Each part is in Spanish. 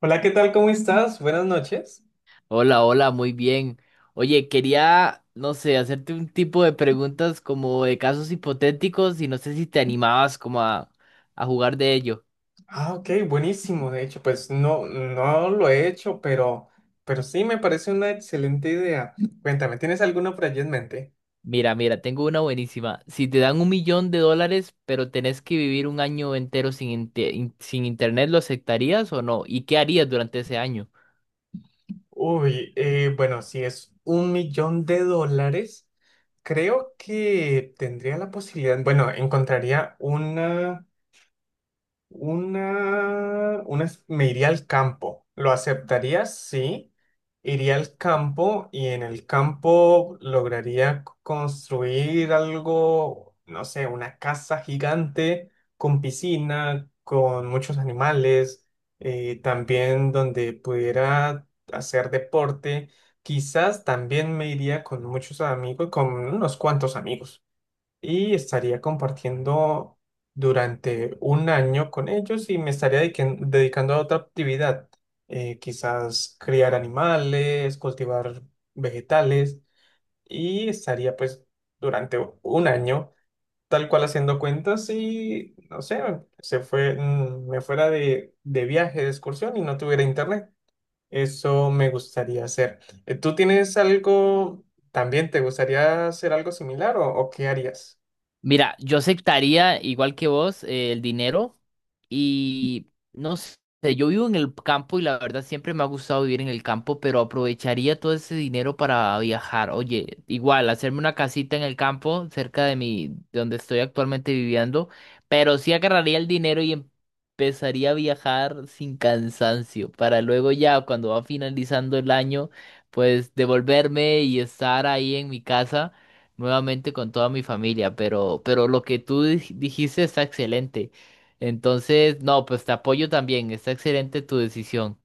Hola, ¿qué tal? ¿Cómo estás? Buenas noches. Hola, hola, muy bien. Oye, quería, no sé, hacerte un tipo de preguntas como de casos hipotéticos y no sé si te animabas como a jugar de ello. Ah, ok, buenísimo. De hecho, pues no, no lo he hecho, pero sí me parece una excelente idea. Cuéntame, ¿tienes alguno por allí en mente? Mira, mira, tengo una buenísima. Si te dan $1.000.000, pero tenés que vivir un año entero sin internet, ¿lo aceptarías o no? ¿Y qué harías durante ese año? Uy, bueno, si es un millón de dólares, creo que tendría la posibilidad, bueno, encontraría una me iría al campo. ¿Lo aceptarías? Sí. Iría al campo y en el campo lograría construir algo, no sé, una casa gigante con piscina, con muchos animales, también donde pudiera hacer deporte. Quizás también me iría con muchos amigos, con unos cuantos amigos y estaría compartiendo durante un año con ellos y me estaría dedicando a otra actividad, quizás criar animales, cultivar vegetales y estaría pues durante un año tal cual haciendo cuentas y no sé, se fue, me fuera de viaje, de excursión y no tuviera internet. Eso me gustaría hacer. ¿Tú tienes algo, también te gustaría hacer algo similar o qué harías? Mira, yo aceptaría, igual que vos, el dinero y no sé, yo vivo en el campo y la verdad siempre me ha gustado vivir en el campo, pero aprovecharía todo ese dinero para viajar. Oye, igual, hacerme una casita en el campo cerca de mi, de donde estoy actualmente viviendo, pero sí agarraría el dinero y empezaría a viajar sin cansancio para luego ya cuando va finalizando el año, pues devolverme y estar ahí en mi casa nuevamente con toda mi familia, pero lo que tú dijiste está excelente. Entonces, no, pues te apoyo también, está excelente tu decisión.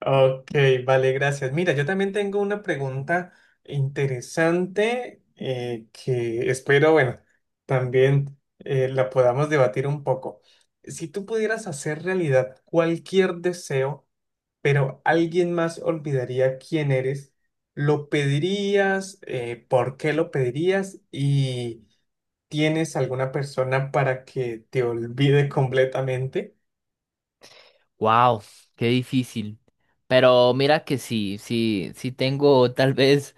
Ok, vale, gracias. Mira, yo también tengo una pregunta interesante que espero, bueno, también la podamos debatir un poco. Si tú pudieras hacer realidad cualquier deseo, pero alguien más olvidaría quién eres, ¿lo pedirías? Por qué lo pedirías? ¿Y tienes alguna persona para que te olvide completamente? Wow, qué difícil. Pero mira que sí, sí, sí tengo tal vez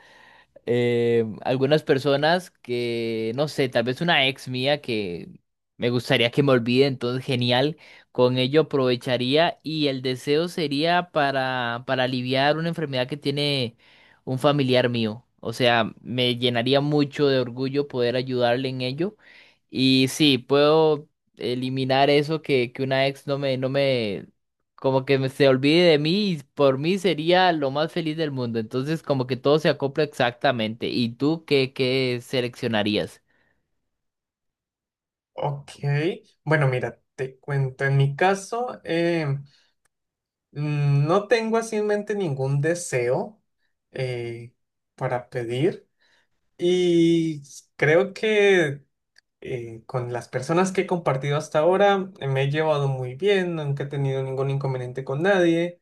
algunas personas que, no sé, tal vez una ex mía que me gustaría que me olvide, entonces genial, con ello aprovecharía y el deseo sería para aliviar una enfermedad que tiene un familiar mío. O sea, me llenaría mucho de orgullo poder ayudarle en ello. Y sí, puedo eliminar eso que una ex no me, no me como que se olvide de mí y por mí sería lo más feliz del mundo. Entonces, como que todo se acopla exactamente. ¿Y tú qué, seleccionarías? Ok, bueno, mira, te cuento, en mi caso, no tengo así en mente ningún deseo, eh, para pedir y creo que con las personas que he compartido hasta ahora me he llevado muy bien, nunca he tenido ningún inconveniente con nadie.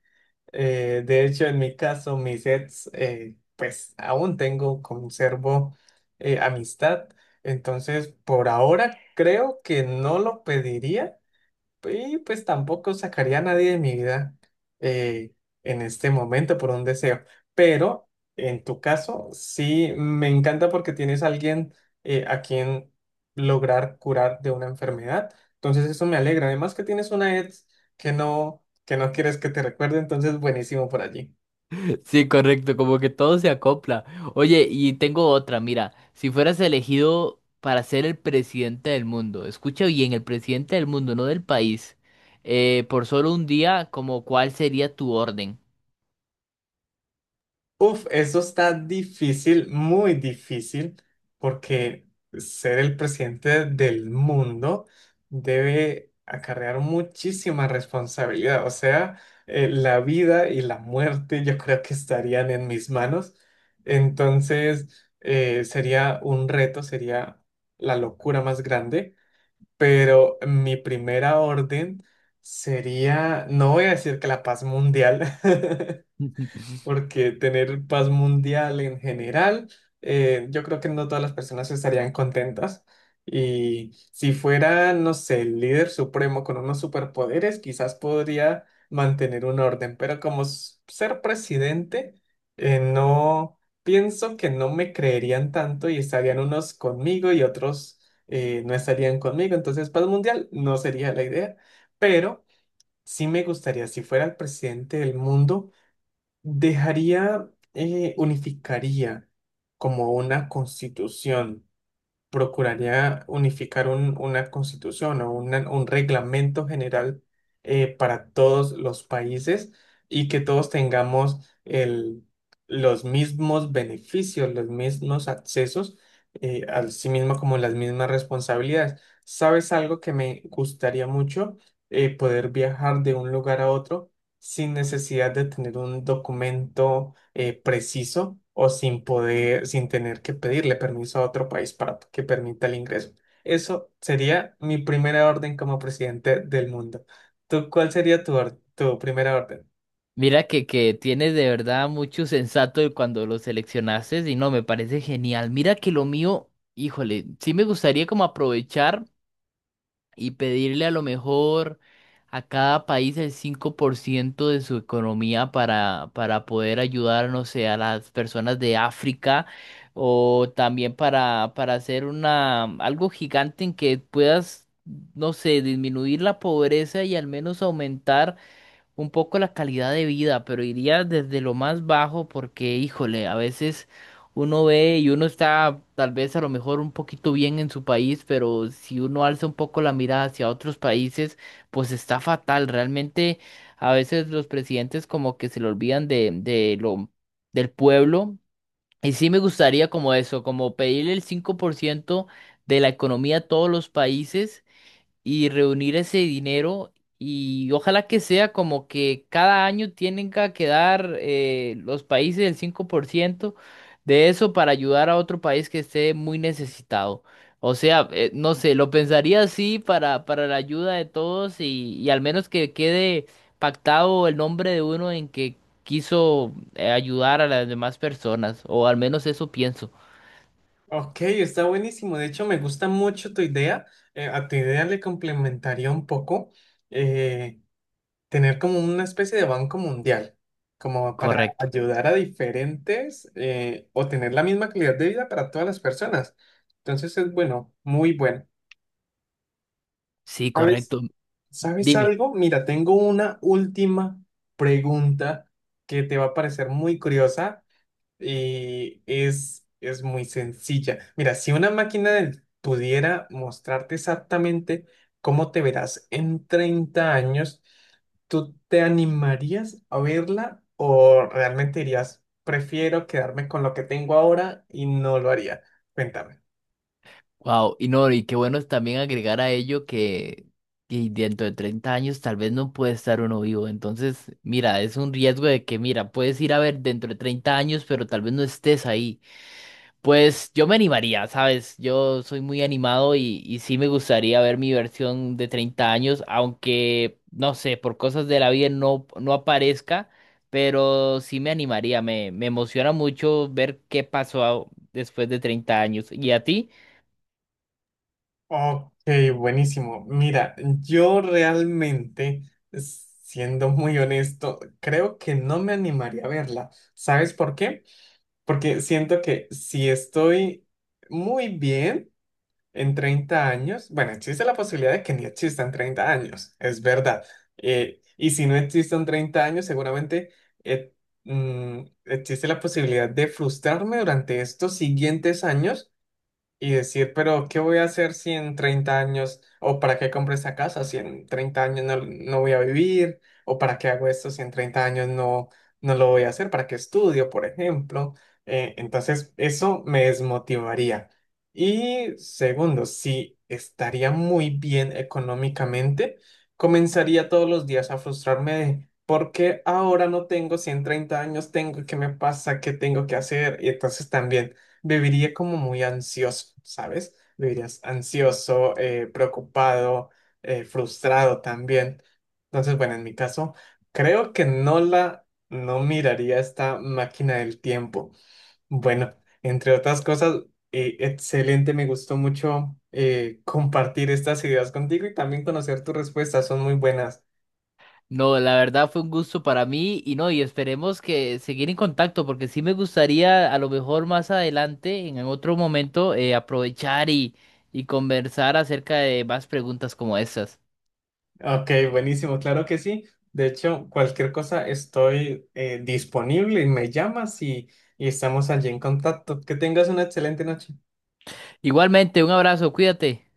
De hecho, en mi caso, mis ex, pues aún tengo, conservo amistad, entonces por ahora creo que no lo pediría. Y pues tampoco sacaría a nadie de mi vida, eh, en este momento por un deseo. Pero en tu caso, sí me encanta porque tienes a alguien, a quien lograr curar de una enfermedad. Entonces eso me alegra. Además que tienes una ex que no quieres que te recuerde. Entonces buenísimo por allí. Sí, correcto, como que todo se acopla. Oye, y tengo otra, mira, si fueras elegido para ser el presidente del mundo, escucha bien, el presidente del mundo, no del país, por solo un día, ¿como cuál sería tu orden? Uf, eso está difícil, muy difícil, porque ser el presidente del mundo debe acarrear muchísima responsabilidad. O sea, la vida y la muerte yo creo que estarían en mis manos. Entonces, sería un reto, sería la locura más grande, pero mi primera orden sería, no voy a decir que la paz mundial. Porque tener paz mundial en general, yo creo que no todas las personas estarían contentas. Y si fuera, no sé, el líder supremo con unos superpoderes, quizás podría mantener un orden, pero como ser presidente, no pienso que no me creerían tanto y estarían unos conmigo y otros, no estarían conmigo. Entonces, paz mundial no sería la idea, pero sí me gustaría, si fuera el presidente del mundo, dejaría, unificaría como una constitución, procuraría unificar una constitución o un reglamento general, para todos los países y que todos tengamos el- los mismos beneficios, los mismos accesos, así mismo como las mismas responsabilidades. ¿Sabes algo que me gustaría mucho? Poder viajar de un lugar a otro sin necesidad de tener un documento, preciso o sin poder, sin tener que pedirle permiso a otro país para que permita el ingreso. Eso sería mi primera orden como presidente del mundo. ¿Tú cuál sería tu, tu primera orden? Mira que tienes de verdad mucho sensato de cuando lo seleccionaste y no, me parece genial. Mira que lo mío, híjole, sí me gustaría como aprovechar y pedirle a lo mejor a cada país el 5% de su economía para poder ayudar, no sé, a las personas de África o también para hacer una, algo gigante en que puedas, no sé, disminuir la pobreza y al menos aumentar un poco la calidad de vida, pero iría desde lo más bajo porque, híjole, a veces uno ve y uno está tal vez a lo mejor un poquito bien en su país, pero si uno alza un poco la mirada hacia otros países, pues está fatal. Realmente a veces los presidentes como que se le olvidan de lo del pueblo. Y sí me gustaría como eso, como pedirle el 5% de la economía a todos los países y reunir ese dinero y ojalá que sea como que cada año tienen que dar los países el 5% de eso para ayudar a otro país que esté muy necesitado. O sea, no sé, lo pensaría así para la ayuda de todos y al menos que quede pactado el nombre de uno en que quiso ayudar a las demás personas, o al menos eso pienso. Ok, está buenísimo. De hecho, me gusta mucho tu idea. A tu idea le complementaría un poco, eh, tener como una especie de banco mundial, como para Correcto, ayudar a diferentes, o tener la misma calidad de vida para todas las personas. Entonces es bueno, muy bueno. sí, ¿Sabes? correcto. ¿Sabes Dime. algo? Mira, tengo una última pregunta que te va a parecer muy curiosa y es muy sencilla. Mira, si una pudiera mostrarte exactamente cómo te verás en 30 años, ¿tú te animarías a verla o realmente dirías, prefiero quedarme con lo que tengo ahora y no lo haría? Cuéntame. Wow, y no, y qué bueno también agregar a ello que dentro de 30 años tal vez no puede estar uno vivo. Entonces, mira, es un riesgo de que, mira, puedes ir a ver dentro de 30 años, pero tal vez no estés ahí. Pues yo me animaría, ¿sabes? Yo soy muy animado y sí me gustaría ver mi versión de 30 años, aunque, no sé, por cosas de la vida no, aparezca, pero sí me animaría, me emociona mucho ver qué pasó después de 30 años. ¿Y a ti? Ok, buenísimo. Mira, yo realmente, siendo muy honesto, creo que no me animaría a verla. ¿Sabes por qué? Porque siento que si estoy muy bien en 30 años, bueno, existe la posibilidad de que ni existan 30 años, es verdad. Y si no existen 30 años, seguramente eh, mm, existe la posibilidad de frustrarme durante estos siguientes años y decir, pero ¿qué voy a hacer si en 30 años, o para qué compré esta casa si en 30 años no, no voy a vivir, o para qué hago esto si en 30 años no, no lo voy a hacer, para qué estudio, por ejemplo? Entonces, eso me desmotivaría. Y segundo, si estaría muy bien económicamente, comenzaría todos los días a frustrarme de ¿por qué ahora no tengo si en 30 años tengo? ¿Qué me pasa? ¿Qué tengo que hacer? Y entonces también viviría como muy ansioso, ¿sabes? Vivirías ansioso, preocupado, frustrado también. Entonces, bueno, en mi caso, creo que no la, no miraría esta máquina del tiempo. Bueno, entre otras cosas, excelente, me gustó mucho compartir estas ideas contigo y también conocer tus respuestas, son muy buenas. No, la verdad fue un gusto para mí y no, y esperemos que seguir en contacto porque sí me gustaría a lo mejor más adelante, en otro momento, aprovechar y conversar acerca de más preguntas como estas. Ok, buenísimo, claro que sí. De hecho, cualquier cosa estoy disponible y me llamas y estamos allí en contacto. Que tengas una excelente noche. Igualmente, un abrazo, cuídate.